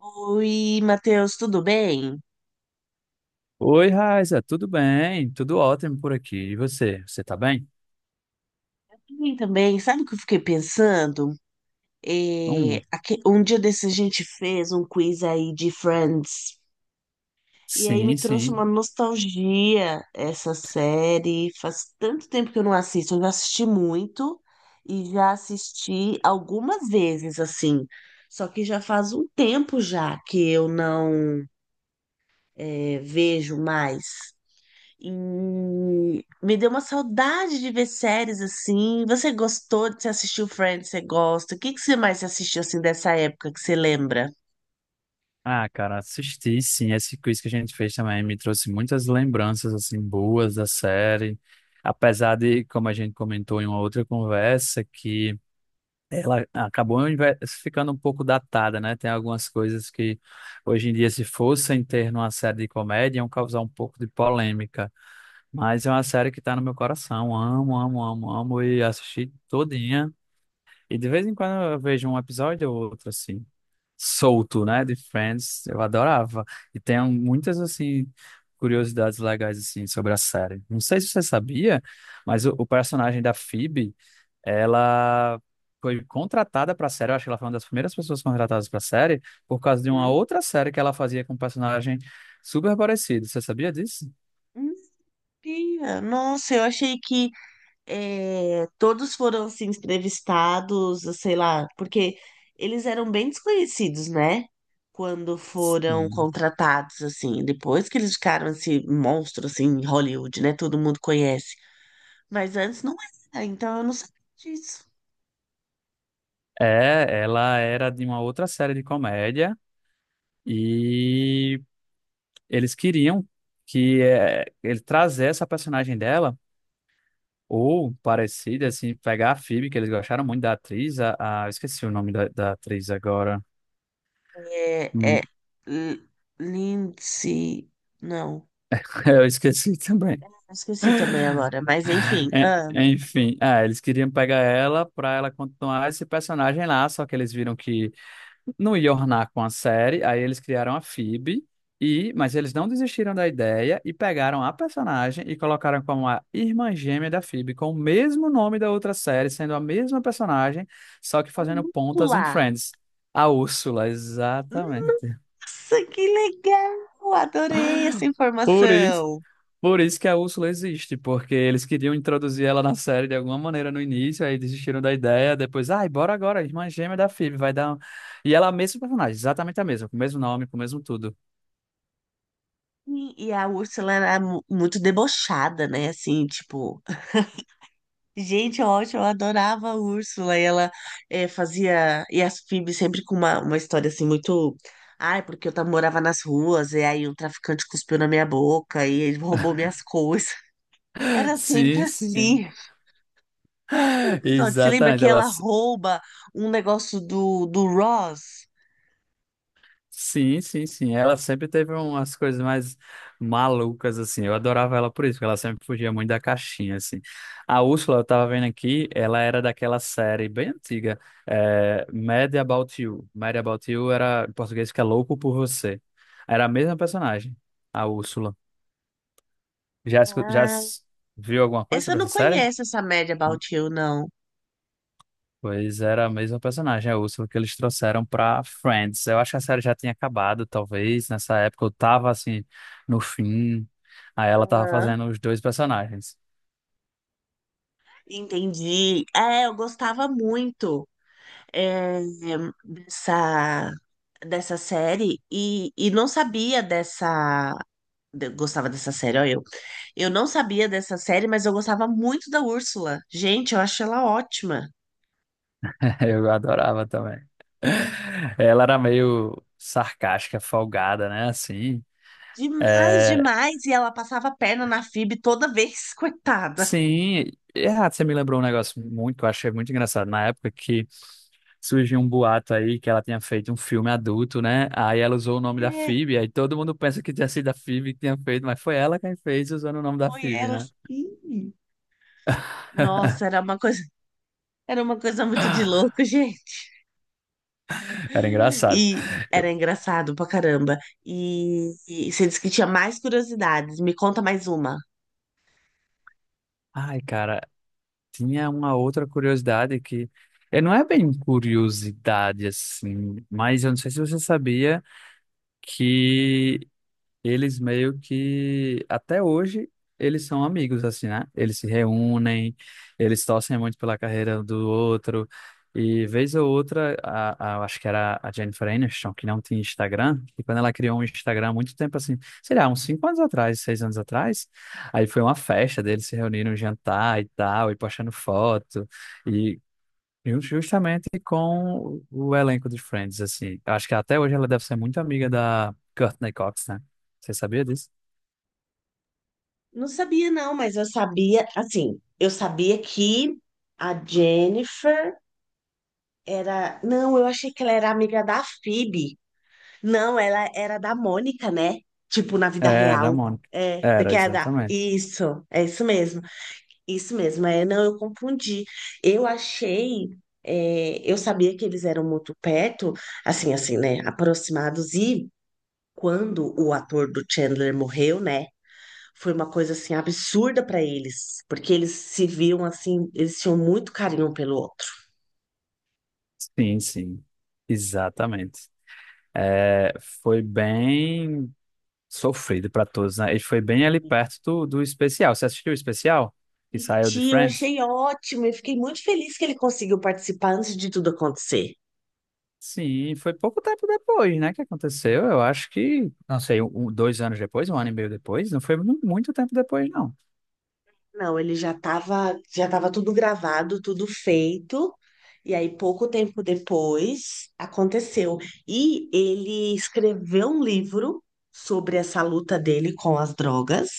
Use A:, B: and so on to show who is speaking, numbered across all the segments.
A: Oi, Matheus, tudo bem?
B: Oi, Raiza, tudo bem? Tudo ótimo por aqui. E você? Você tá bem?
A: Tudo bem também. Sabe o que eu fiquei pensando?
B: Hum,
A: Um dia desse a gente fez um quiz aí de Friends. E aí me
B: sim,
A: trouxe uma
B: sim.
A: nostalgia essa série. Faz tanto tempo que eu não assisto. Eu já assisti muito e já assisti algumas vezes, assim. Só que já faz um tempo já que eu não, vejo mais. E me deu uma saudade de ver séries assim. Você gostou de você assistiu Friends? Você gosta? O que que você mais assistiu assim dessa época que você lembra?
B: Ah, cara, assisti, sim. Esse quiz que a gente fez também me trouxe muitas lembranças, assim, boas da série. Apesar de, como a gente comentou em uma outra conversa, que ela acabou ficando um pouco datada, né? Tem algumas coisas que, hoje em dia, se fossem ter numa série de comédia, iam causar um pouco de polêmica. Mas é uma série que tá no meu coração. Amo, amo, amo, amo. E assisti todinha. E de vez em quando eu vejo um episódio ou outro, assim, solto, né, de Friends. Eu adorava. E tem muitas, assim, curiosidades legais, assim, sobre a série. Não sei se você sabia, mas o personagem da Phoebe, ela foi contratada pra série. Eu acho que ela foi uma das primeiras pessoas contratadas pra série por causa de uma
A: Hum?
B: outra série que ela fazia com um personagem super parecido. Você sabia disso?
A: Não sabia. Nossa, eu achei que todos foram assim entrevistados, sei lá, porque eles eram bem desconhecidos, né? Quando foram
B: Sim.
A: contratados assim, depois que eles ficaram esse monstro assim em Hollywood, né? Todo mundo conhece. Mas antes não era, então eu não sabia disso.
B: É, ela era de uma outra série de comédia. E eles queriam que ele trazesse essa personagem dela, ou parecida, assim, pegar a Phoebe, que eles gostaram muito da atriz, eu esqueci o nome da atriz agora.
A: É, é
B: Hum,
A: L- Lindsay. Não,
B: Eu esqueci também.
A: esqueci também agora, mas enfim.
B: En-
A: Ah,
B: Enfim, eles queriam pegar ela para ela continuar esse personagem lá, só que eles viram que não ia ornar com a série, aí eles criaram a Phoebe, mas eles não desistiram da ideia e pegaram a personagem e colocaram como a irmã gêmea da Phoebe, com o mesmo nome da outra série, sendo a mesma personagem, só que fazendo
A: vamos
B: pontas em
A: lá.
B: Friends. A Úrsula, exatamente.
A: Nossa, que legal! Adorei essa
B: Por isso,
A: informação.
B: por isso que a Úrsula existe, porque eles queriam introduzir ela na série de alguma maneira no início, aí desistiram da ideia, depois, ai, bora agora, irmã gêmea da Phoebe, vai dar. E ela é a mesma personagem, exatamente a mesma, com o mesmo nome, com o mesmo tudo.
A: Sim. E a Úrsula era muito debochada, né? Assim, tipo, gente, ótimo, eu adorava a Úrsula. E ela fazia. E as Phoebe sempre com uma, história assim, muito. Ai, porque morava nas ruas, e aí um traficante cuspiu na minha boca, e ele roubou minhas coisas. Era sempre
B: Sim, sim.
A: assim. Um episódio, você lembra
B: Exatamente.
A: que ela rouba um negócio do Ross?
B: Sim, sim, sim. Ela sempre teve umas coisas mais malucas, assim. Eu adorava ela por isso, porque ela sempre fugia muito da caixinha, assim. A Úrsula, eu tava vendo aqui, ela era daquela série bem antiga, Mad About You. Mad About You era, em português, que é Louco por Você. Era a mesma personagem, a Úrsula. Já, escu- já
A: Ah,
B: s- viu alguma coisa
A: essa eu
B: sobre
A: não
B: essa série?
A: conheço, essa Mad About You, não.
B: Pois era a mesma personagem, a Úrsula, que eles trouxeram pra Friends. Eu acho que a série já tinha acabado, talvez, nessa época. Eu tava, assim, no fim. Aí ela tava
A: Aham.
B: fazendo os dois personagens.
A: Entendi. É, eu gostava muito, é, dessa, dessa série e não sabia dessa. Gostava dessa série, ó, eu. Eu não sabia dessa série, mas eu gostava muito da Úrsula. Gente, eu acho ela ótima.
B: Eu adorava também. Ela era meio sarcástica, folgada, né? Assim.
A: Demais,
B: É,
A: demais. E ela passava a perna na Phoebe toda vez, coitada.
B: sim, ah, você me lembrou um negócio muito, que eu achei muito engraçado. Na época que surgiu um boato aí que ela tinha feito um filme adulto, né? Aí ela usou o nome da
A: É,
B: Phoebe, aí todo mundo pensa que tinha sido a Phoebe que tinha feito, mas foi ela quem fez usando o nome da
A: foi
B: Phoebe,
A: ela,
B: né?
A: sim. Nossa, era uma coisa muito de louco, gente.
B: Era engraçado.
A: E era
B: Eu-
A: engraçado pra caramba. E você disse que tinha mais curiosidades. Me conta mais uma.
B: Ai, cara, tinha uma outra curiosidade que não é bem curiosidade assim, mas eu não sei se você sabia que eles meio que até hoje eles são amigos assim, né? Eles se reúnem, eles torcem muito pela carreira um do outro. E vez ou outra, acho que era a Jennifer Aniston, que não tinha Instagram, e quando ela criou um Instagram há muito tempo assim, sei lá, uns 5 anos atrás, 6 anos atrás, aí foi uma festa deles se reuniram, jantar e tal, e postando foto, e Justamente com o elenco de Friends, assim. Acho que até hoje ela deve ser muito amiga da Courtney Cox, né? Você sabia disso?
A: Não sabia, não, mas eu sabia, assim, eu sabia que a Jennifer era. Não, eu achei que ela era amiga da Phoebe. Não, ela era da Mônica, né? Tipo, na vida
B: É, da
A: real.
B: Mônica.
A: É, da
B: Era,
A: que é da...
B: exatamente.
A: Isso, é isso mesmo. Isso mesmo. É, não, eu confundi. Eu achei. Eu sabia que eles eram muito perto, assim, né? Aproximados. E quando o ator do Chandler morreu, né? Foi uma coisa, assim, absurda pra eles. Porque eles se viam, assim, eles tinham muito carinho um pelo outro.
B: Sim, sim. Exatamente. É, foi bem sofrido para todos, né? E foi bem ali perto do especial. Você assistiu o especial que saiu de
A: Tia, eu
B: Friends?
A: achei ótimo. Eu fiquei muito feliz que ele conseguiu participar antes de tudo acontecer.
B: Sim, foi pouco tempo depois, né, que aconteceu. Eu acho que, não sei, um, 2 anos depois, um ano e meio depois. Não foi muito tempo depois, não.
A: Não, ele já estava tudo gravado, tudo feito. E aí, pouco tempo depois, aconteceu. E ele escreveu um livro sobre essa luta dele com as drogas.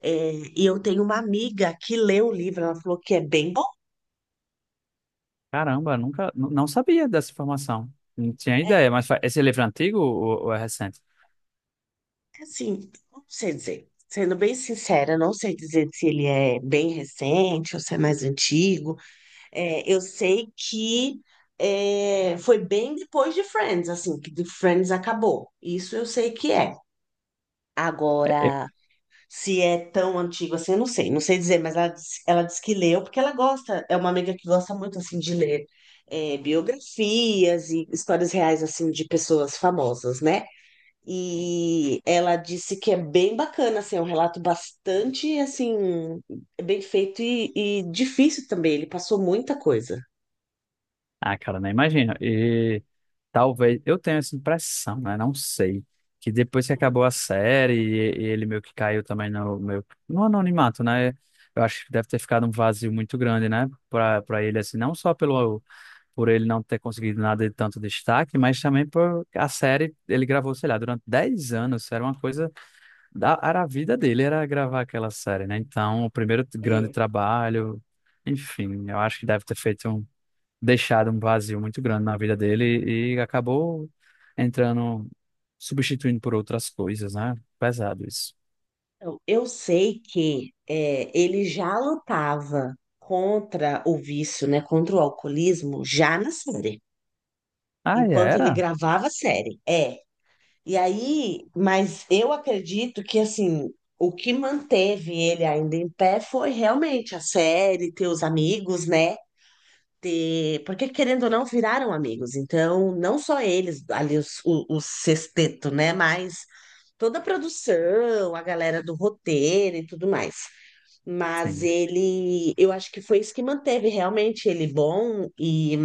A: É, e eu tenho uma amiga que leu o livro, ela falou que é bem bom.
B: Caramba, nunca, não sabia dessa informação. Não tinha ideia,
A: É,
B: mas esse livro é antigo ou é recente?
A: assim, não sei dizer. Sendo bem sincera, não sei dizer se ele é bem recente ou se é mais antigo. É, eu sei que foi bem depois de Friends, assim, que de Friends acabou. Isso eu sei que é.
B: É,
A: Agora, se é tão antigo assim, eu não sei, não sei dizer, mas ela disse que leu porque ela gosta, é uma amiga que gosta muito, assim, de ler, biografias e histórias reais, assim, de pessoas famosas, né? E ela disse que é bem bacana, assim, é um relato bastante, assim, bem feito e difícil também, ele passou muita coisa.
B: ah, cara, nem imagino. E talvez, eu tenho essa impressão, né? Não sei. Que depois que acabou a série e ele meio que caiu também no no anonimato, né? Eu acho que deve ter ficado um vazio muito grande, né? Pra ele, assim, não só por ele não ter conseguido nada de tanto destaque, mas também por a série, ele gravou, sei lá, durante 10 anos. Era uma coisa era a vida dele, era gravar aquela série, né? Então, o primeiro grande
A: É,
B: trabalho, enfim, eu acho que deve ter deixado um vazio muito grande na vida dele e acabou entrando, substituindo por outras coisas, né? Pesado isso.
A: então, eu sei que ele já lutava contra o vício, né, contra o alcoolismo, já na série,
B: Ah, e
A: enquanto ele
B: era?
A: gravava a série. É, e aí, mas eu acredito que, assim, o que manteve ele ainda em pé foi realmente a série, ter os amigos, né? Ter, porque querendo ou não, viraram amigos. Então, não só eles, ali o sexteto, né? Mas toda a produção, a galera do roteiro e tudo mais. Mas
B: Sim.
A: ele, eu acho que foi isso que manteve realmente ele bom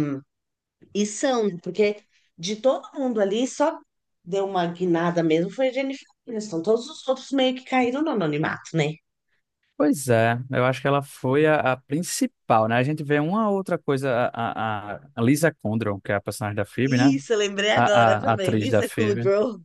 A: e são, porque de todo mundo ali, só deu uma guinada mesmo foi a Jennifer Aniston. Todos os outros meio que caíram no anonimato, né?
B: Pois é, eu acho que ela foi a principal, né? A gente vê uma outra coisa, a Lisa Kudrow, que é a personagem da Phoebe, né?
A: Isso, eu lembrei
B: A,
A: agora
B: a, a
A: também.
B: atriz da
A: Lisa
B: Phoebe.
A: Kudrow.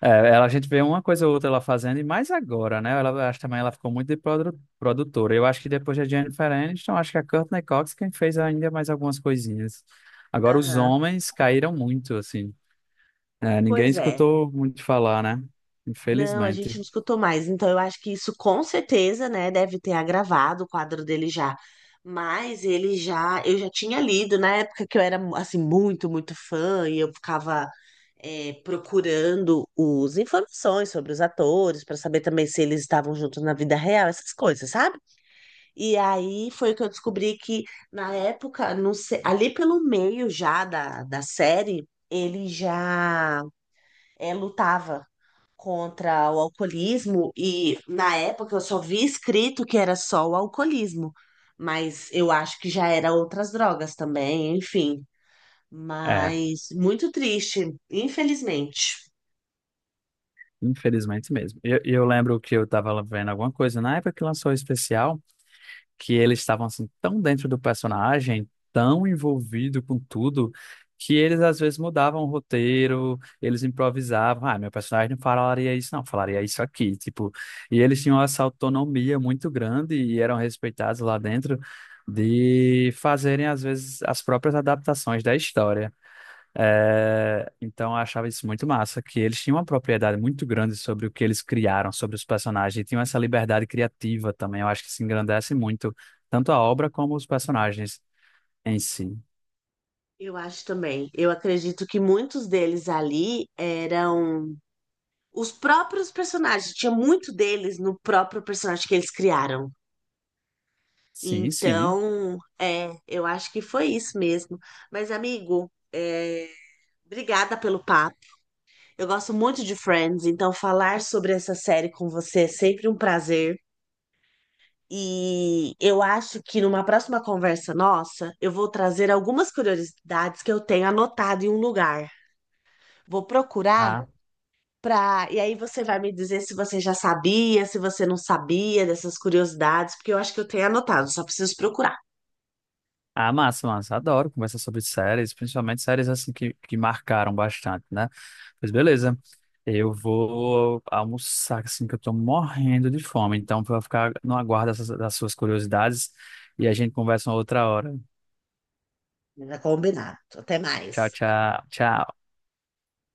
B: É, ela, a gente vê uma coisa ou outra ela fazendo, e mais agora, né? Ela, eu acho também ela ficou muito de produtora. Eu acho que depois da Jennifer Aniston, acho que a Courtney Cox quem fez ainda mais algumas coisinhas. Agora os
A: Aham.
B: homens caíram muito, assim. É, ninguém
A: Pois é.
B: escutou muito falar, né?
A: Não, a gente
B: Infelizmente.
A: não escutou mais. Então, eu acho que isso com certeza, né, deve ter agravado o quadro dele já. Mas ele já, eu já tinha lido na época que eu era assim muito, muito fã e eu ficava procurando os informações sobre os atores para saber também se eles estavam juntos na vida real, essas coisas, sabe? E aí foi que eu descobri que na época, não sei, ali pelo meio já da série, ele já, lutava contra o alcoolismo e na época eu só vi escrito que era só o alcoolismo, mas eu acho que já era outras drogas também, enfim.
B: É,
A: Mas muito triste, infelizmente.
B: infelizmente mesmo. E eu lembro que eu tava vendo alguma coisa na época que lançou o especial, que eles estavam assim tão dentro do personagem, tão envolvido com tudo, que eles às vezes mudavam o roteiro, eles improvisavam, ah, meu personagem não falaria isso, não, falaria isso aqui, tipo, e eles tinham essa autonomia muito grande e eram respeitados lá dentro de fazerem às vezes as próprias adaptações da história. É, então eu achava isso muito massa, que eles tinham uma propriedade muito grande sobre o que eles criaram, sobre os personagens, e tinham essa liberdade criativa também. Eu acho que se engrandece muito, tanto a obra como os personagens em si.
A: Eu acho também. Eu acredito que muitos deles ali eram os próprios personagens. Tinha muito deles no próprio personagem que eles criaram.
B: Sim, sim.
A: Então, é, eu acho que foi isso mesmo. Mas, amigo, obrigada pelo papo. Eu gosto muito de Friends, então falar sobre essa série com você é sempre um prazer. E eu acho que numa próxima conversa nossa, eu vou trazer algumas curiosidades que eu tenho anotado em um lugar. Vou procurar
B: Ah,
A: pra... E aí você vai me dizer se você já sabia, se você não sabia dessas curiosidades, porque eu acho que eu tenho anotado, só preciso procurar.
B: ah, massa, massa. Adoro conversar sobre séries, principalmente séries assim que marcaram bastante, né? Pois
A: Uhum.
B: beleza. Eu vou almoçar, assim, que eu tô morrendo de fome. Então, vou ficar no aguardo das suas curiosidades e a gente conversa uma outra hora.
A: Combinado. Até mais.
B: Tchau, tchau, tchau.